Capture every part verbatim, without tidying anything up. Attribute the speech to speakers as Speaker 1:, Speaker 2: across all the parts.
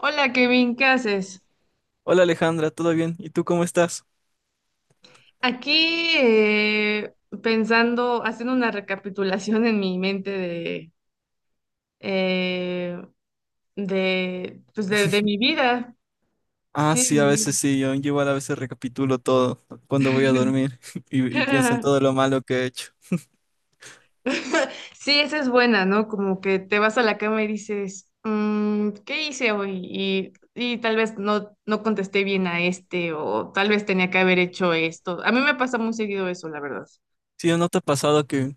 Speaker 1: Hola Kevin, ¿qué haces?
Speaker 2: Hola Alejandra, ¿todo bien? ¿Y tú cómo estás?
Speaker 1: Aquí eh, pensando, haciendo una recapitulación en mi mente de, eh, de, pues de, de mi vida.
Speaker 2: Ah,
Speaker 1: Sí, de
Speaker 2: sí, a veces
Speaker 1: mi
Speaker 2: sí, yo igual a veces recapitulo todo cuando voy a dormir y, y pienso en
Speaker 1: vida.
Speaker 2: todo lo malo que he hecho.
Speaker 1: Sí, esa es buena, ¿no? Como que te vas a la cama y dices, "Mm, ¿qué hice hoy? Y, y tal vez no, no contesté bien a este o tal vez tenía que haber hecho esto." A mí me pasa muy seguido eso, la verdad.
Speaker 2: Sí, ¿no te ha pasado que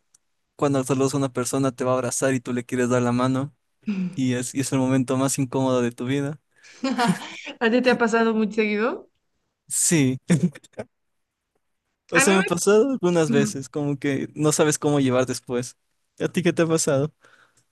Speaker 2: cuando saludas a una persona te va a abrazar y tú le quieres dar la mano y es, y es el momento más incómodo de tu vida?
Speaker 1: ¿A ti te ha pasado muy seguido?
Speaker 2: Sí, o
Speaker 1: A
Speaker 2: sea,
Speaker 1: mí
Speaker 2: me ha
Speaker 1: me.
Speaker 2: pasado algunas
Speaker 1: Ujú.
Speaker 2: veces, como que no sabes cómo llevar después. ¿A ti qué te ha pasado?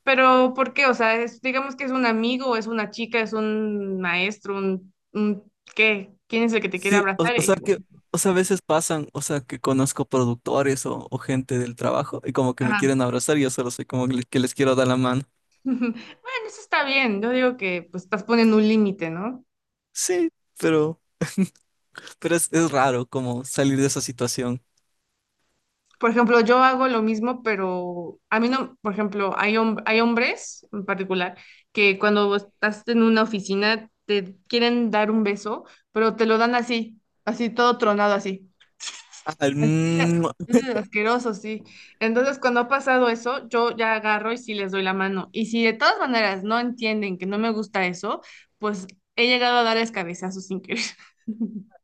Speaker 1: Pero, ¿por qué? O sea, es, digamos que es un amigo, es una chica, es un maestro, un, un ¿qué? ¿Quién es el que te quiere
Speaker 2: Sí, o,
Speaker 1: abrazar?
Speaker 2: o sea
Speaker 1: Y- bueno,
Speaker 2: que, o sea, a veces pasan, o sea, que conozco productores o, o gente del trabajo y como que me
Speaker 1: ajá.
Speaker 2: quieren abrazar y yo solo soy como que les, que les quiero dar la mano.
Speaker 1: Bueno, eso está bien. Yo digo que pues estás poniendo un límite, ¿no?
Speaker 2: Sí, pero, pero es, es raro como salir de esa situación.
Speaker 1: Por ejemplo, yo hago lo mismo, pero a mí no, por ejemplo, hay, hom- hay hombres en particular que cuando estás en una oficina te quieren dar un beso, pero te lo dan así, así todo tronado así.
Speaker 2: Ah, el
Speaker 1: Así,
Speaker 2: mua,
Speaker 1: mm, asqueroso, sí. Entonces, cuando ha pasado eso, yo ya agarro y sí les doy la mano. Y si de todas maneras no entienden que no me gusta eso, pues he llegado a darles cabezazos sin querer.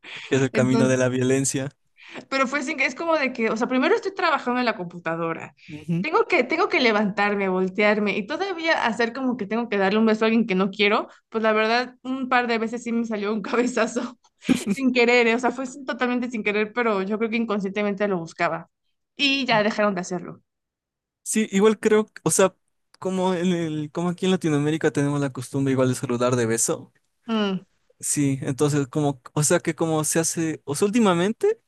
Speaker 2: que es el camino
Speaker 1: Entonces,
Speaker 2: de la violencia.
Speaker 1: pero fue sin que es como de que, o sea, primero estoy trabajando en la computadora. Tengo que, tengo que levantarme, voltearme y todavía hacer como que tengo que darle un beso a alguien que no quiero. Pues la verdad, un par de veces sí me salió un cabezazo sin querer, ¿eh? O sea, fue sin- totalmente sin querer, pero yo creo que inconscientemente lo buscaba. Y ya
Speaker 2: Ujú.
Speaker 1: dejaron de hacerlo.
Speaker 2: Sí, igual creo, que- o sea, como en el, como aquí en Latinoamérica tenemos la costumbre igual de saludar de beso.
Speaker 1: Mm.
Speaker 2: Sí, entonces como, o sea que como se hace, o sea, últimamente,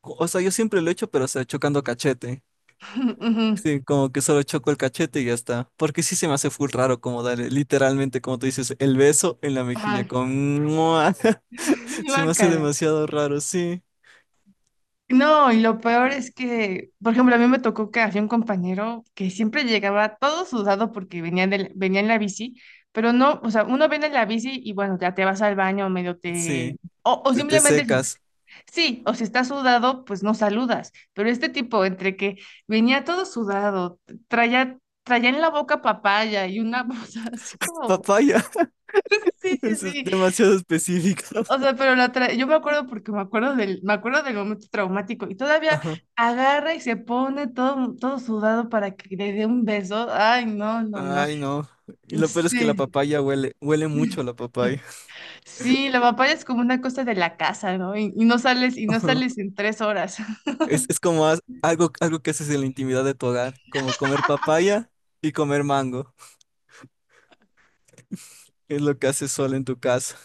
Speaker 2: o sea, yo siempre lo he hecho, pero o sea, chocando cachete.
Speaker 1: Ujú.
Speaker 2: Sí, como que solo choco el cachete y ya está. Porque sí se me hace full raro como darle, literalmente, como tú dices, el beso en la mejilla
Speaker 1: Ajá.
Speaker 2: con ¡mua! Se me hace
Speaker 1: Guácala.
Speaker 2: demasiado raro, sí,
Speaker 1: No, y lo peor es que, por ejemplo, a mí me tocó que había un compañero que siempre llegaba todo sudado porque venía, del- venía en la bici, pero no, o sea, uno viene en la bici y bueno, ya te vas al baño, medio te.
Speaker 2: sí,
Speaker 1: O, o
Speaker 2: te, te
Speaker 1: simplemente, si-
Speaker 2: secas.
Speaker 1: sí, o si estás sudado, pues no saludas, pero este tipo, entre que venía todo sudado, traía, traía en la boca papaya y una cosa así como,
Speaker 2: Papaya,
Speaker 1: sí, sí,
Speaker 2: eso es
Speaker 1: sí,
Speaker 2: demasiado específico.
Speaker 1: o sea, pero la tra- yo me acuerdo porque me acuerdo del, me acuerdo del momento traumático y todavía
Speaker 2: Ajá.
Speaker 1: agarra y se pone todo, todo sudado para que le dé un beso. Ay, no, no, no.
Speaker 2: Ay, no. Y lo peor es que la
Speaker 1: Sí,
Speaker 2: papaya huele, huele mucho la papaya.
Speaker 1: sí, la papaya es como una cosa de la casa, ¿no? Y, y no sales, y no
Speaker 2: Ajá.
Speaker 1: sales en tres horas.
Speaker 2: Es, es como haz- algo, algo que haces en la intimidad de tu hogar, como comer papaya y comer mango. Es lo que haces solo en tu casa.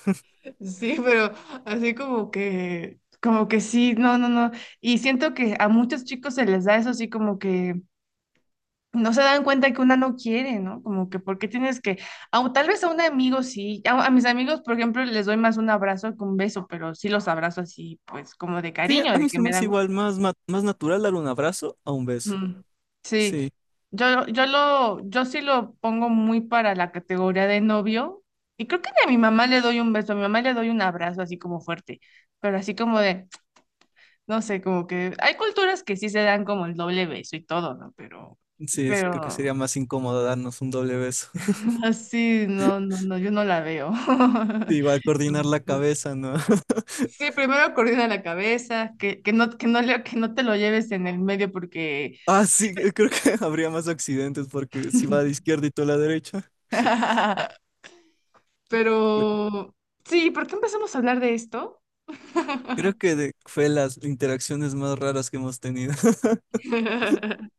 Speaker 1: Sí, pero así como que, como que sí, no, no, no. Y siento que a muchos chicos se les da eso así como que no se dan cuenta que una no quiere, ¿no? Como que, ¿por qué tienes que, au- tal vez a un amigo sí, a, a mis amigos, por ejemplo, les doy más un abrazo que un beso, pero sí los abrazo así, pues como de
Speaker 2: Sí,
Speaker 1: cariño,
Speaker 2: a
Speaker 1: de
Speaker 2: mí
Speaker 1: que
Speaker 2: se me
Speaker 1: me da
Speaker 2: hace igual
Speaker 1: gusto.
Speaker 2: más, ma- más natural dar un abrazo a un beso.
Speaker 1: Mm, sí,
Speaker 2: Sí,
Speaker 1: yo, yo lo, yo sí lo pongo muy para la categoría de novio, y creo que ni a mi mamá le doy un beso, a mi mamá le doy un abrazo así como fuerte, pero así como de, no sé, como que hay culturas que sí se dan como el doble beso y todo, ¿no? Pero,
Speaker 2: sí, es- creo que
Speaker 1: pero...
Speaker 2: sería más incómodo darnos un doble beso.
Speaker 1: Así, no, no, no, yo no la veo.
Speaker 2: Sí, va a coordinar la cabeza, ¿no?
Speaker 1: Sí, primero coordina la cabeza, que, que no, que no, le- que no te lo lleves en el medio porque.
Speaker 2: Ah, sí, eh, creo que habría más accidentes porque si va a la izquierda y tú a la derecha.
Speaker 1: Pero
Speaker 2: Creo
Speaker 1: sí, ¿por qué empezamos a hablar de esto?
Speaker 2: creo que de- fue las interacciones más raras que hemos tenido.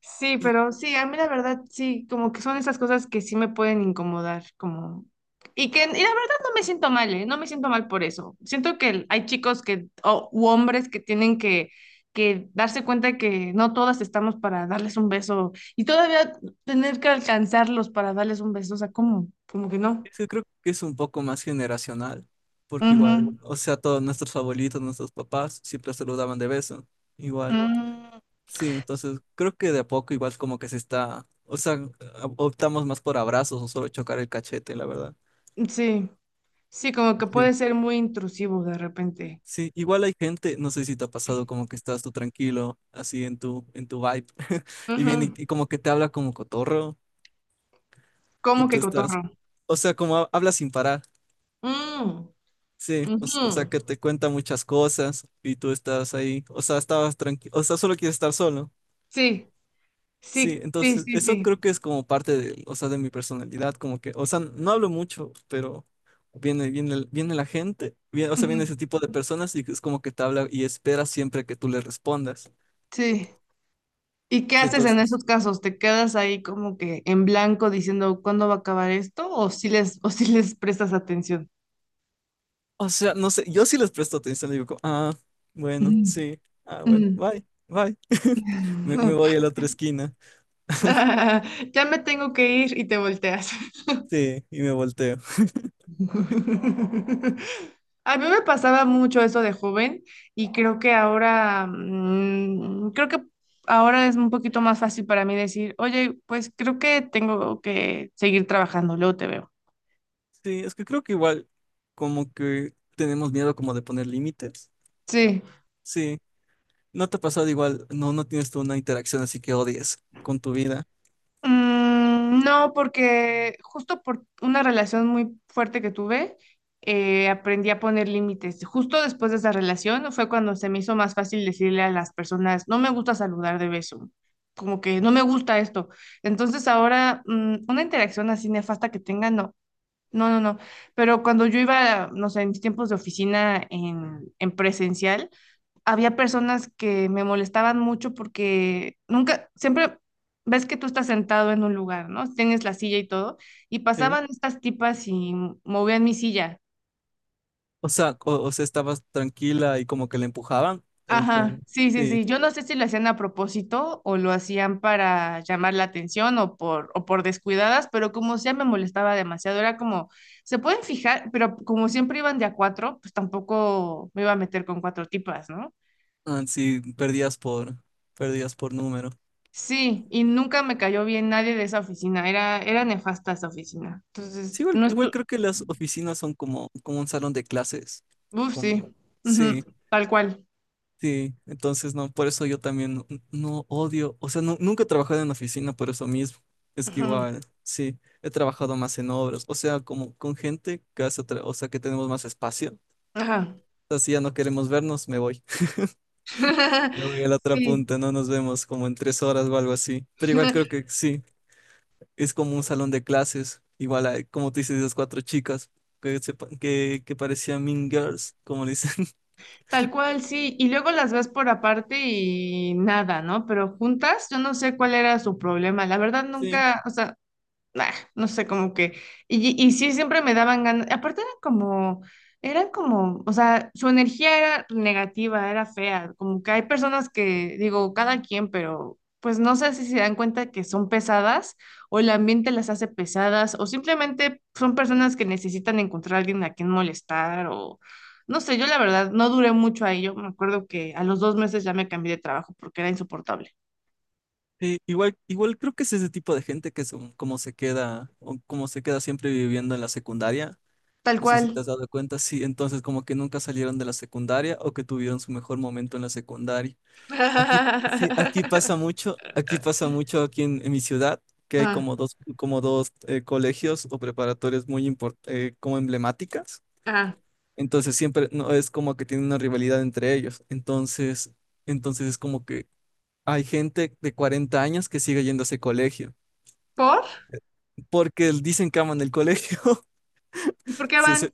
Speaker 1: Sí,
Speaker 2: Y
Speaker 1: pero sí, a mí la verdad sí, como que son esas cosas que sí me pueden incomodar, como. Y que, y la verdad no me siento mal, ¿eh? No me siento mal por eso. Siento que hay chicos que, o u hombres que tienen que, que darse cuenta que no todas estamos para darles un beso y todavía tener que alcanzarlos para darles un beso, o sea, ¿cómo? Como que no.
Speaker 2: es que creo que es un poco más generacional, porque igual,
Speaker 1: Ujú.
Speaker 2: o sea, todos nuestros abuelitos, nuestros papás siempre saludaban de beso, igual.
Speaker 1: Mm,
Speaker 2: Sí, entonces creo que de a poco igual como que se está, o sea, a- optamos más por abrazos o solo chocar el cachete, la verdad.
Speaker 1: sí, sí, como que
Speaker 2: Sí.
Speaker 1: puede ser muy intrusivo de repente.
Speaker 2: Sí, igual hay gente, no sé si te ha pasado como que estás tú tranquilo, así en tu, en tu vibe, y viene
Speaker 1: Ujú.
Speaker 2: y, y como que te habla como cotorro, y
Speaker 1: Como que
Speaker 2: tú estás,
Speaker 1: cotorro.
Speaker 2: o sea, como ha- habla sin parar,
Speaker 1: Mm,
Speaker 2: sí, o, s- o sea,
Speaker 1: ujú.
Speaker 2: que te cuenta muchas cosas, y tú estás ahí, o sea, estabas tranquilo, o sea, solo quieres estar solo.
Speaker 1: Sí,
Speaker 2: Sí,
Speaker 1: sí, sí,
Speaker 2: entonces
Speaker 1: sí,
Speaker 2: eso
Speaker 1: sí.
Speaker 2: creo que es como parte de, o sea, de mi personalidad, como que, o sea, no hablo mucho, pero viene, viene, el- viene la gente, viene- o sea, viene
Speaker 1: Ujú.
Speaker 2: ese tipo de personas y es como que te habla y espera siempre que tú le respondas.
Speaker 1: Sí. ¿Y qué
Speaker 2: Sí,
Speaker 1: haces en
Speaker 2: entonces,
Speaker 1: esos casos? ¿Te quedas ahí como que en blanco diciendo cuándo va a acabar esto? ¿O si les, o si les prestas atención?
Speaker 2: o sea, no sé, yo sí les presto atención, digo, como, ah, bueno,
Speaker 1: Ujú,
Speaker 2: sí, ah, bueno,
Speaker 1: ujú.
Speaker 2: bye, bye. Me, me voy a la otra esquina,
Speaker 1: Ya me tengo que ir y te volteas.
Speaker 2: sí, y me volteo.
Speaker 1: A mí me pasaba mucho eso de joven y creo que ahora, mm, creo que ahora es un poquito más fácil para mí decir, oye, pues creo que tengo que seguir trabajando, luego te veo.
Speaker 2: Sí, es que creo que igual como que tenemos miedo como de poner límites.
Speaker 1: Sí.
Speaker 2: Sí, ¿no te ha pasado igual? No, no tienes tú una interacción así que odies con tu vida.
Speaker 1: Mm, no, porque justo por una relación muy fuerte que tuve, eh, aprendí a poner límites. Justo después de esa relación fue cuando se me hizo más fácil decirle a las personas, no me gusta saludar de beso, como que no me gusta esto. Entonces ahora, mm, una interacción así nefasta que tenga, no, no, no, no. Pero cuando yo iba, no sé, en mis tiempos de oficina en en presencial, había personas que me molestaban mucho porque nunca, siempre ves que tú estás sentado en un lugar, ¿no? Tienes la silla y todo, y
Speaker 2: Sí.
Speaker 1: pasaban estas tipas y movían mi silla.
Speaker 2: O sea, o, o sea, estabas tranquila y como que le empujaban, o como,
Speaker 1: Ajá, sí, sí,
Speaker 2: sí,
Speaker 1: sí. Yo no sé si lo hacían a propósito o lo hacían para llamar la atención o por, o por descuidadas, pero como sea me molestaba demasiado. Era como, se pueden fijar, pero como siempre iban de a cuatro, pues tampoco me iba a meter con cuatro tipas, ¿no?
Speaker 2: ah, sí, perdías por, perdías por número.
Speaker 1: Sí, y nunca me cayó bien nadie de esa oficina, era, era nefasta esa oficina.
Speaker 2: Sí,
Speaker 1: Entonces,
Speaker 2: igual,
Speaker 1: no
Speaker 2: igual
Speaker 1: estu.
Speaker 2: creo que las oficinas son como, como un salón de clases,
Speaker 1: Uf, sí,
Speaker 2: como,
Speaker 1: ujú.
Speaker 2: sí,
Speaker 1: Tal cual.
Speaker 2: sí. Entonces, no, por eso yo también no, no odio, o sea, nu- nunca he trabajado en oficina por eso mismo. Es que
Speaker 1: Ujú.
Speaker 2: igual, sí, he trabajado más en obras, o sea, como con gente que hace, otra- o sea, que tenemos más espacio.
Speaker 1: Ajá.
Speaker 2: Así ya no queremos vernos, me voy. Me voy a la otra
Speaker 1: Sí,
Speaker 2: punta, no nos vemos como en tres horas o algo así. Pero igual creo que sí, es como un salón de clases. Igual, hay, como tú dices, esas cuatro chicas que, se pa- que, que parecían Mean Girls, como le dicen.
Speaker 1: tal cual, sí. Y luego las ves por aparte y nada, ¿no? Pero juntas, yo no sé cuál era su problema. La verdad,
Speaker 2: Sí,
Speaker 1: nunca, o sea, nah, no sé, como que, y, y sí, siempre me daban ganas, aparte eran como, eran como, o sea, su energía era negativa, era fea, como que hay personas que, digo, cada quien, pero pues no sé si se dan cuenta que son pesadas o el ambiente las hace pesadas o simplemente son personas que necesitan encontrar a alguien a quien molestar o. No sé, yo la verdad no duré mucho ahí. Yo me acuerdo que a los dos meses ya me cambié de trabajo porque era insoportable.
Speaker 2: sí, igual, igual creo que es ese tipo de gente que son como se queda, o como se queda siempre viviendo en la secundaria.
Speaker 1: Tal
Speaker 2: No sé si te
Speaker 1: cual.
Speaker 2: has dado cuenta, sí, entonces como que nunca salieron de la secundaria o que tuvieron su mejor momento en la secundaria. Aquí, sí, aquí pasa mucho, aquí pasa mucho aquí en, en mi ciudad, que hay
Speaker 1: Ah,
Speaker 2: como dos, como dos eh, colegios o preparatorias muy import- eh, como emblemáticas.
Speaker 1: ah.
Speaker 2: Entonces siempre no es como que tienen una rivalidad entre ellos. Entonces, entonces es como que hay gente de cuarenta años que sigue yendo a ese colegio,
Speaker 1: ¿Por?
Speaker 2: porque dicen que aman el colegio.
Speaker 1: ¿Y por qué
Speaker 2: Se,
Speaker 1: van?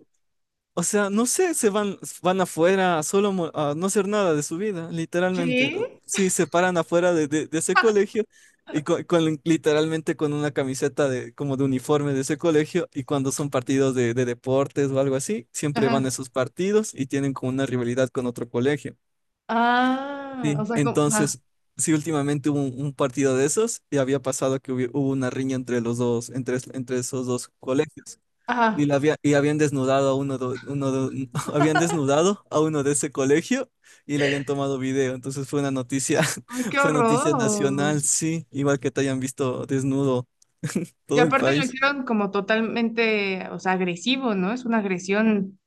Speaker 2: o sea, no sé, se van, van afuera solo mo- a no hacer nada de su vida, literalmente.
Speaker 1: ¿Qué?
Speaker 2: Sí, se paran afuera de, de- de ese
Speaker 1: Ah,
Speaker 2: colegio y
Speaker 1: ah.
Speaker 2: co- con, literalmente con una camiseta de, como de uniforme de ese colegio y cuando son partidos de, de deportes o algo así, siempre van a
Speaker 1: Ajá.
Speaker 2: esos partidos y tienen como una rivalidad con otro colegio.
Speaker 1: Ah, o
Speaker 2: Sí,
Speaker 1: sea, como, ajá,
Speaker 2: entonces, sí, últimamente hubo un, un partido de esos y había pasado que hubi- hubo una riña entre los dos, entre, entre esos dos colegios.
Speaker 1: ajá.
Speaker 2: Y, la había- y habían desnudado a uno de, uno de- habían desnudado a uno de ese colegio y le habían tomado video. Entonces fue una noticia,
Speaker 1: Ay, qué
Speaker 2: fue noticia
Speaker 1: horror.
Speaker 2: nacional, sí, igual que te hayan visto desnudo
Speaker 1: Y
Speaker 2: todo el
Speaker 1: aparte lo
Speaker 2: país.
Speaker 1: hicieron como totalmente, o sea, agresivo, ¿no? Es una agresión.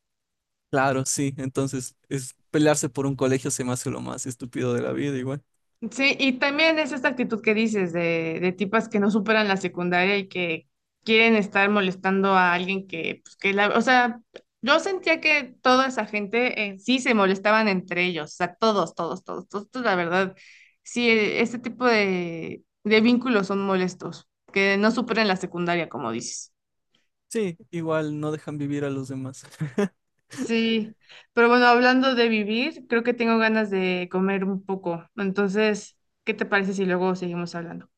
Speaker 2: Claro, sí. Entonces, es pelearse por un colegio se me hace lo más estúpido de la vida, igual.
Speaker 1: Sí, y también es esta actitud que dices de, de tipas que no superan la secundaria y que quieren estar molestando a alguien que, pues, que la, o sea, yo sentía que toda esa gente eh, sí se molestaban entre ellos, o sea, todos, todos, todos, todos, todos, la verdad, sí, eh, este tipo de, de vínculos son molestos, que no superan la secundaria, como dices.
Speaker 2: Sí, igual no dejan vivir a los demás.
Speaker 1: Sí, pero bueno, hablando de vivir, creo que tengo ganas de comer un poco, entonces, ¿qué te parece si luego seguimos hablando?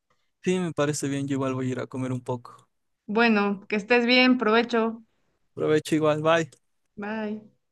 Speaker 2: Sí, me parece bien, yo igual voy a ir a comer un poco.
Speaker 1: Bueno, que estés bien, provecho.
Speaker 2: Provecho igual, bye.
Speaker 1: Bye.